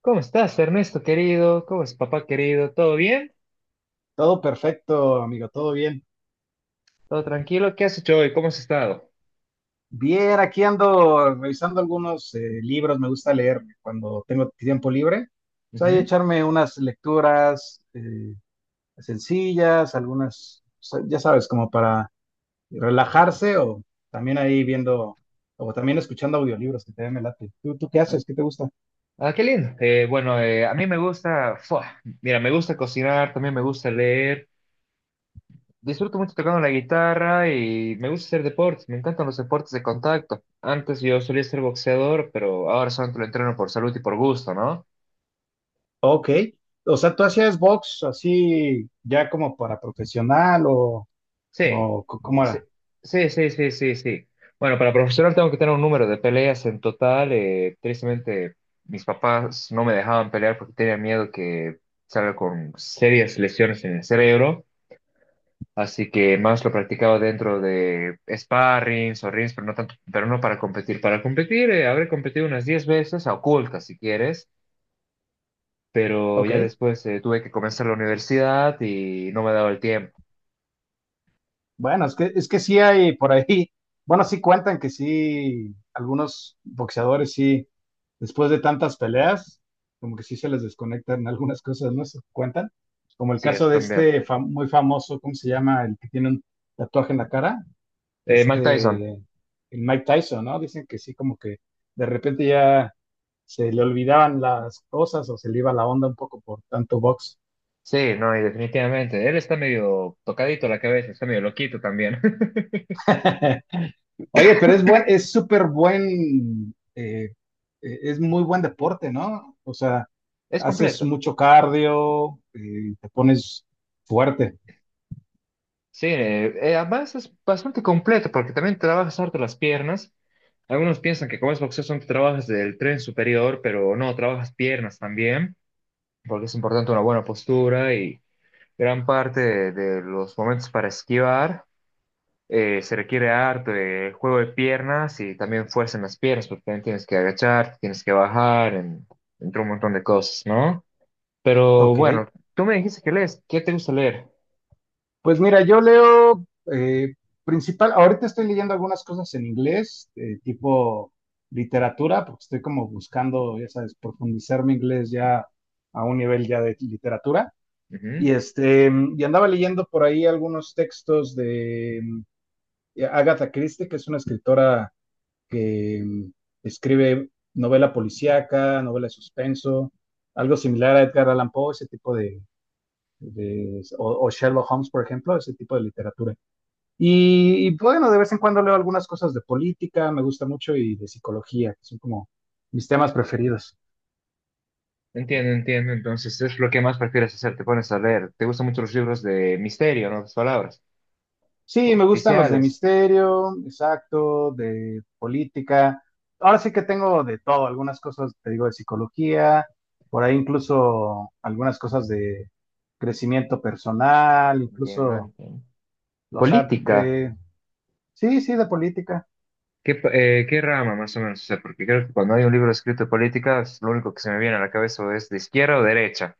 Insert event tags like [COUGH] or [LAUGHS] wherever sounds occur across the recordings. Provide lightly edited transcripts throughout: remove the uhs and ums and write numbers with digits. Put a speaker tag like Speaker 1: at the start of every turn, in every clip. Speaker 1: ¿Cómo estás, Ernesto querido? ¿Cómo es papá querido? ¿Todo bien?
Speaker 2: Todo perfecto, amigo, todo bien.
Speaker 1: ¿Todo tranquilo? ¿Qué has hecho hoy? ¿Cómo has estado?
Speaker 2: Bien, aquí ando revisando algunos libros, me gusta leer cuando tengo tiempo libre. O sea, y
Speaker 1: Ujú.
Speaker 2: echarme unas lecturas sencillas, algunas, o sea, ya sabes, como para relajarse o también ahí viendo, o también escuchando audiolibros que te me late. ¿¿Tú qué haces? ¿Qué te gusta?
Speaker 1: Ah, qué lindo. Bueno, a mí me gusta, ¡fua! Mira, me gusta cocinar, también me gusta leer. Disfruto mucho tocando la guitarra y me gusta hacer deportes. Me encantan los deportes de contacto. Antes yo solía ser boxeador, pero ahora solamente lo entreno por salud y por gusto, ¿no?
Speaker 2: Ok, o sea, ¿tú hacías box así ya como para profesional o,
Speaker 1: Sí,
Speaker 2: cómo
Speaker 1: sí,
Speaker 2: era?
Speaker 1: sí, sí, sí, sí. Sí. Bueno, para profesional tengo que tener un número de peleas en total. Tristemente, mis papás no me dejaban pelear porque tenían miedo que salga con serias lesiones en el cerebro. Así que más lo practicaba dentro de sparrings o rings, pero no tanto, pero no para competir. Para competir, habré competido unas 10 veces, a ocultas si quieres, pero ya
Speaker 2: Ok.
Speaker 1: después tuve que comenzar la universidad y no me daba el tiempo.
Speaker 2: Bueno, es que sí hay por ahí, bueno, sí cuentan que sí, algunos boxeadores sí, después de tantas peleas, como que sí se les desconectan algunas cosas, ¿no? Se cuentan, como el
Speaker 1: Sí,
Speaker 2: caso
Speaker 1: eso
Speaker 2: de
Speaker 1: también.
Speaker 2: este muy famoso, ¿cómo se llama? El que tiene un tatuaje en la cara,
Speaker 1: Mike Tyson.
Speaker 2: este, el Mike Tyson, ¿no? Dicen que sí, como que de repente ya se le olvidaban las cosas o se le iba la onda un poco por tanto box.
Speaker 1: Sí, no, y definitivamente. Él está medio tocadito la cabeza, está medio loquito también. [LAUGHS]
Speaker 2: [LAUGHS] Oye, pero es buen, es súper buen, es muy buen deporte, ¿no? O sea,
Speaker 1: Es
Speaker 2: haces
Speaker 1: completo.
Speaker 2: mucho cardio, te pones fuerte.
Speaker 1: Sí, además es bastante completo porque también trabajas harto las piernas. Algunos piensan que como es boxeo son trabajas del tren superior, pero no, trabajas piernas también, porque es importante una buena postura y gran parte de los momentos para esquivar se requiere harto de juego de piernas y también fuerza en las piernas, porque también tienes que agachar, tienes que bajar, entre un montón de cosas, ¿no? Pero
Speaker 2: Ok.
Speaker 1: bueno, tú me dijiste que lees. ¿Qué te gusta leer?
Speaker 2: Pues mira, yo leo eh, ahorita estoy leyendo algunas cosas en inglés, tipo literatura, porque estoy como buscando, ya sabes, profundizar mi inglés ya a un nivel ya de literatura.
Speaker 1: Ujú.
Speaker 2: Y este, y andaba leyendo por ahí algunos textos de Agatha Christie, que es una escritora que escribe novela policíaca, novela de suspenso, algo similar a Edgar Allan Poe, ese tipo de, o, Sherlock Holmes, por ejemplo, ese tipo de literatura. Bueno, de vez en cuando leo algunas cosas de política, me gusta mucho, y de psicología, que son como mis temas preferidos.
Speaker 1: Entiendo, entiendo. Entonces, es lo que más prefieres hacer. Te pones a leer. Te gustan mucho los libros de misterio, en otras palabras.
Speaker 2: Sí,
Speaker 1: O
Speaker 2: me gustan los de
Speaker 1: policiales.
Speaker 2: misterio, exacto, de política. Ahora sí que tengo de todo, algunas cosas, te digo, de psicología, por ahí incluso algunas cosas de crecimiento personal,
Speaker 1: Entiendo,
Speaker 2: incluso,
Speaker 1: entiendo.
Speaker 2: o sea,
Speaker 1: Política.
Speaker 2: de, sí, sí, de política.
Speaker 1: ¿Qué, qué rama más o menos? O sea, porque creo que cuando hay un libro escrito de política, es lo único que se me viene a la cabeza o es de izquierda o derecha,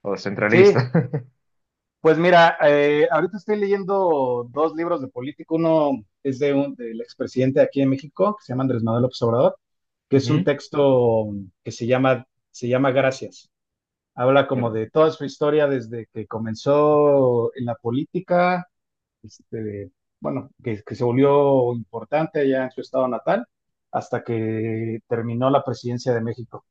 Speaker 1: o
Speaker 2: Sí,
Speaker 1: centralista. [LAUGHS]
Speaker 2: pues mira, ahorita estoy leyendo 2 libros de política. Uno es de un, del expresidente de aquí en México, que se llama Andrés Manuel López Obrador, que es un
Speaker 1: Ujú,
Speaker 2: texto que se llama Gracias. Habla como
Speaker 1: ¿verdad?
Speaker 2: de toda su historia desde que comenzó en la política, este, bueno, que se volvió importante allá en su estado natal, hasta que terminó la presidencia de México.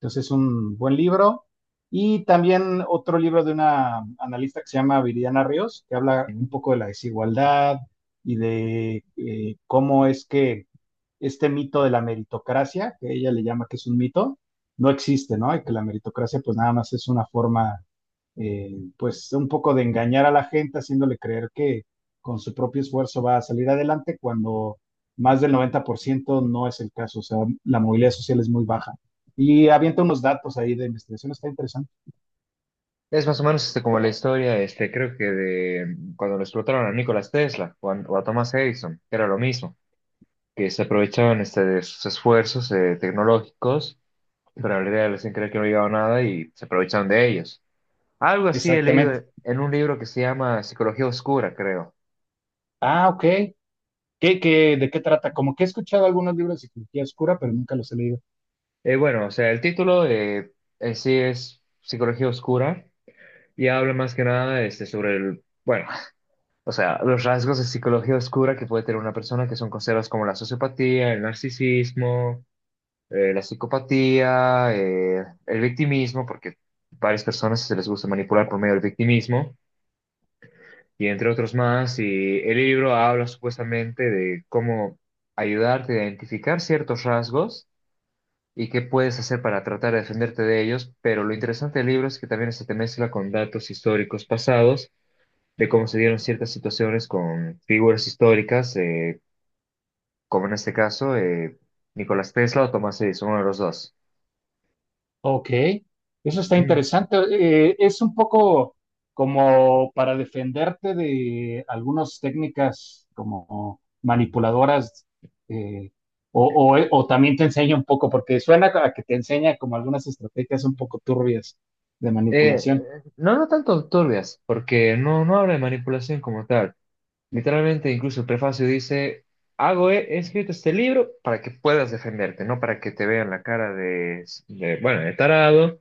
Speaker 2: Entonces es un buen libro. Y también otro libro de una analista que se llama Viridiana Ríos, que habla
Speaker 1: Ujú.
Speaker 2: un poco de la desigualdad y de cómo es que este mito de la meritocracia, que ella le llama que es un mito, no existe, ¿no? Y que la meritocracia pues nada más es una forma, eh, pues un poco de engañar a la gente, haciéndole creer que con su propio esfuerzo va a salir adelante cuando más del 90% no es el caso, o sea, la movilidad social es muy baja. Y avienta unos datos ahí de investigación, está interesante.
Speaker 1: Es más o menos este, como la historia, este, creo que de cuando lo explotaron a Nikola Tesla o a Thomas Edison, que era lo mismo, que se aprovechaban este, de sus esfuerzos tecnológicos, pero en realidad les hacían creer que no llegaba nada y se aprovechaban de ellos. Algo así he leído
Speaker 2: Exactamente.
Speaker 1: en un libro que se llama Psicología Oscura, creo.
Speaker 2: Ah, ok. ¿ de qué trata? Como que he escuchado algunos libros de psicología oscura, pero nunca los he leído.
Speaker 1: Bueno, o sea, el título en sí es Psicología Oscura, y habla más que nada este, sobre el, bueno, [LAUGHS] o sea, los rasgos de psicología oscura que puede tener una persona que son considerados como la sociopatía, el narcisismo, la psicopatía, el victimismo, porque varias personas se les gusta manipular por medio del victimismo, y entre otros más. Y el libro habla supuestamente de cómo ayudarte a identificar ciertos rasgos y qué puedes hacer para tratar de defenderte de ellos, pero lo interesante del libro es que también se te mezcla con datos históricos pasados de cómo se dieron ciertas situaciones con figuras históricas, como en este caso Nicolás Tesla o Thomas Edison, uno de los dos.
Speaker 2: Ok, eso está
Speaker 1: Ujú.
Speaker 2: interesante. Es un poco como para defenderte de algunas técnicas como manipuladoras, eh, o, o también te enseña un poco, porque suena a que te enseña como algunas estrategias un poco turbias de
Speaker 1: Eh,
Speaker 2: manipulación.
Speaker 1: no, no tanto turbias, porque no habla de manipulación como tal. Literalmente, incluso el prefacio dice: he escrito este libro para que puedas defenderte, no para que te vean la cara de, bueno, de tarado,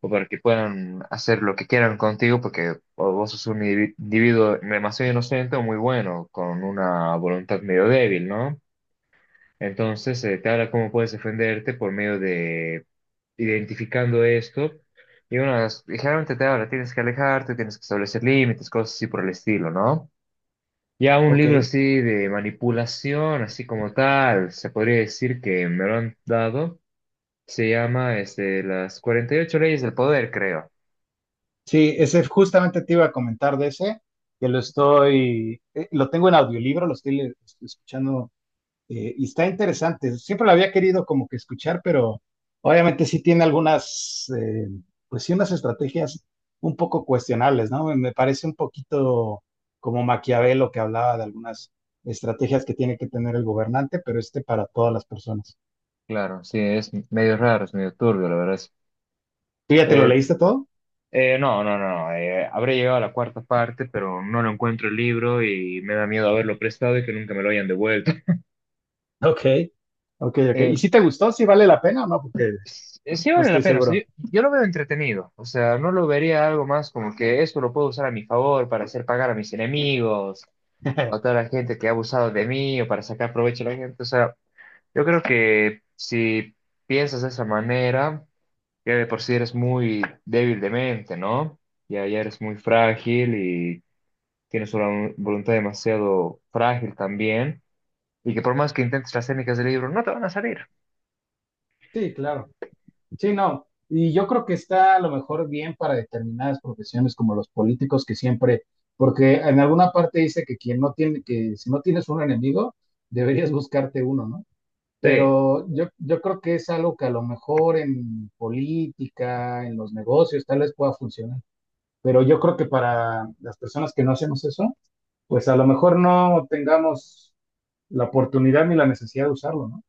Speaker 1: o para que puedan hacer lo que quieran contigo, porque o vos sos un individuo demasiado inocente o muy bueno, con una voluntad medio débil, ¿no? Entonces, te habla cómo puedes defenderte por medio identificando esto. Y unas, ligeramente te habla, tienes que alejarte, tienes que establecer límites, cosas así por el estilo, ¿no? Ya un
Speaker 2: Ok,
Speaker 1: libro así de manipulación, así como tal, se podría decir que me lo han dado, se llama este, Las 48 Leyes del Poder, creo.
Speaker 2: sí, ese justamente te iba a comentar de ese, que lo estoy, lo tengo en audiolibro, escuchando y está interesante. Siempre lo había querido como que escuchar, pero obviamente sí tiene algunas, pues sí, unas estrategias un poco cuestionables, ¿no? Me parece un poquito como Maquiavelo que hablaba de algunas estrategias que tiene que tener el gobernante, pero este para todas las personas.
Speaker 1: Claro, sí, es medio raro, es medio turbio, la verdad.
Speaker 2: ¿Tú ya te lo
Speaker 1: Eh,
Speaker 2: leíste todo?
Speaker 1: no, habré llegado a la cuarta parte, pero no lo encuentro el libro y me da miedo haberlo prestado y que nunca me lo hayan devuelto. [LAUGHS]
Speaker 2: Ok. Ok, ok.
Speaker 1: Eh,
Speaker 2: ¿Y si te gustó? ¿Si vale la pena o no? Porque
Speaker 1: Sí
Speaker 2: no
Speaker 1: vale la
Speaker 2: estoy
Speaker 1: pena, o sea,
Speaker 2: seguro.
Speaker 1: yo lo veo entretenido, o sea, no lo vería algo más como que esto lo puedo usar a mi favor para hacer pagar a mis enemigos o a
Speaker 2: [LAUGHS]
Speaker 1: toda la gente que ha abusado de mí o para sacar provecho a la gente, o sea, yo creo que si piensas de esa manera, ya de por sí eres muy débil de mente, ¿no? Ya, ya eres muy frágil y tienes una voluntad demasiado frágil también, y que por más que intentes las técnicas del libro, no te van a salir.
Speaker 2: Sí, claro. Sí, no. Y yo creo que está a lo mejor bien para determinadas profesiones como los políticos que siempre, porque en alguna parte dice que quien no tiene, que si no tienes un enemigo, deberías buscarte uno, ¿no?
Speaker 1: Sí.
Speaker 2: Pero yo creo que es algo que a lo mejor en política, en los negocios, tal vez pueda funcionar. Pero yo creo que para las personas que no hacemos eso, pues a lo mejor no tengamos la oportunidad ni la necesidad de usarlo, ¿no?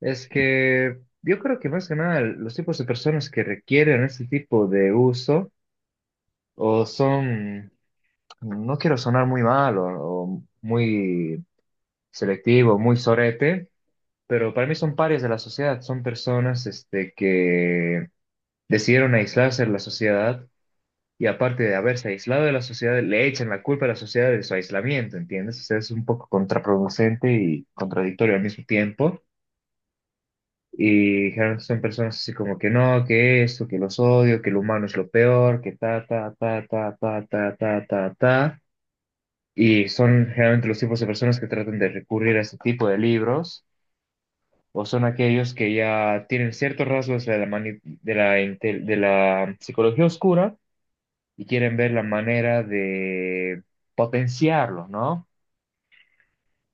Speaker 1: Es que yo creo que más que nada los tipos de personas que requieren este tipo de uso o son, no quiero sonar muy mal o muy selectivo, muy sorete, pero para mí son parias de la sociedad, son personas este, que decidieron aislarse de la sociedad, y aparte de haberse aislado de la sociedad, le echan la culpa a la sociedad de su aislamiento, ¿entiendes? O sea, es un poco contraproducente y contradictorio al mismo tiempo. Y generalmente son personas así como que no, que esto, que los odio, que el humano es lo peor, que ta, ta, ta, ta, ta, ta, ta, ta, ta. Y son generalmente los tipos de personas que tratan de recurrir a este tipo de libros, o son aquellos que ya tienen ciertos rasgos de la, mani- de la, intel- de la psicología oscura, y quieren ver la manera de potenciarlo, ¿no?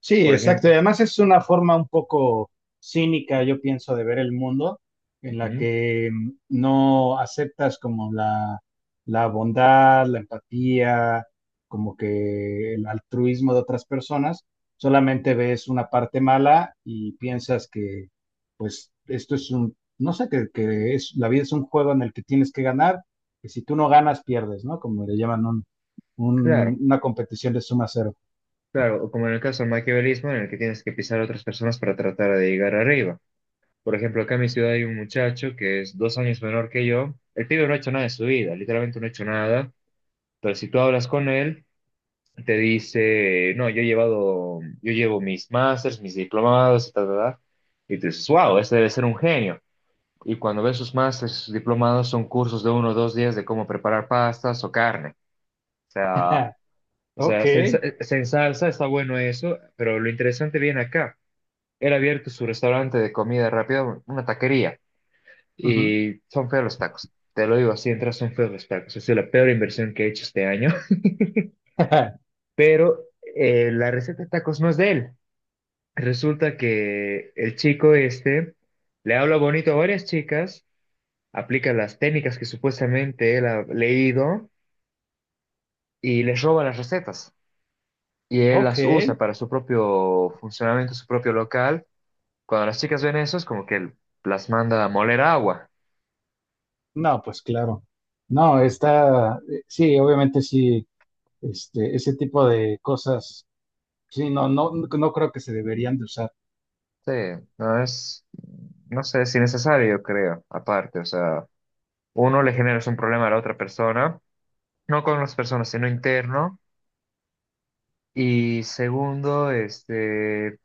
Speaker 2: Sí,
Speaker 1: Por
Speaker 2: exacto. Y
Speaker 1: ejemplo,
Speaker 2: además es una forma un poco cínica, yo pienso, de ver el mundo, en la
Speaker 1: ujú,
Speaker 2: que no aceptas como la bondad, la empatía, como que el altruismo de otras personas, solamente ves una parte mala y piensas que, pues, esto es un, no sé, que es, la vida es un juego en el que tienes que ganar, que si tú no ganas, pierdes, ¿no? Como le llaman un,
Speaker 1: claro,
Speaker 2: una competición de suma cero.
Speaker 1: claro, o como en el caso del maquiavelismo, en el que tienes que pisar a otras personas para tratar de llegar arriba. Por ejemplo, acá en mi ciudad hay un muchacho que es 2 años menor que yo. El pibe no ha hecho nada de su vida, literalmente no ha hecho nada. Pero si tú hablas con él, te dice: no, yo he llevado, yo llevo mis másters, mis diplomados, y tal, tal, tal. Y tú dices, wow, este debe ser un genio. Y cuando ves sus másters, sus diplomados, son cursos de 1 o 2 días de cómo preparar pastas o carne. O
Speaker 2: [LAUGHS]
Speaker 1: sea,
Speaker 2: Ok.
Speaker 1: se, se ensalza, está bueno eso, pero lo interesante viene acá. Él ha abierto su restaurante de comida rápida, una taquería.
Speaker 2: Ujú.
Speaker 1: Y son feos los tacos. Te lo digo así, entras, son feos los tacos. Ha sido la peor inversión que he hecho este año. [LAUGHS]
Speaker 2: [LAUGHS]
Speaker 1: Pero la receta de tacos no es de él. Resulta que el chico este le habla bonito a varias chicas, aplica las técnicas que supuestamente él ha leído y les roba las recetas. Y él
Speaker 2: Ok,
Speaker 1: las usa para su propio funcionamiento, su propio local. Cuando las chicas ven eso, es como que él las manda a moler agua.
Speaker 2: no, pues claro. No, está, sí, obviamente sí, este, ese tipo de cosas, sí, no, no, no creo que se deberían de usar.
Speaker 1: Sí, no es, no sé si necesario, creo, aparte, o sea, uno le generas un problema a la otra persona, no con las personas, sino interno, y segundo, este,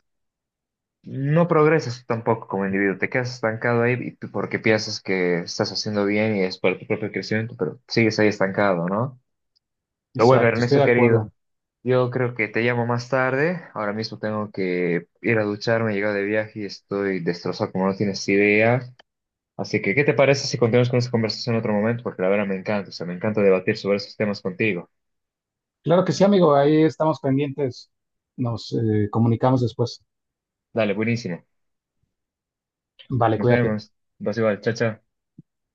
Speaker 1: no progresas tampoco como individuo, te quedas estancado ahí porque piensas que estás haciendo bien y es para tu propio crecimiento, pero sigues ahí estancado, ¿no? Pero bueno,
Speaker 2: Exacto, estoy
Speaker 1: Ernesto
Speaker 2: de acuerdo.
Speaker 1: querido, yo creo que te llamo más tarde, ahora mismo tengo que ir a ducharme, he llegado de viaje y estoy destrozado como no tienes idea. Así que, ¿qué te parece si continuamos con esta conversación en otro momento? Porque la verdad me encanta, o sea, me encanta debatir sobre esos temas contigo.
Speaker 2: Claro que sí, amigo, ahí estamos pendientes, nos comunicamos después.
Speaker 1: Dale, buenísimo.
Speaker 2: Vale,
Speaker 1: Nos
Speaker 2: cuídate.
Speaker 1: vemos. Vas igual, chao, chao.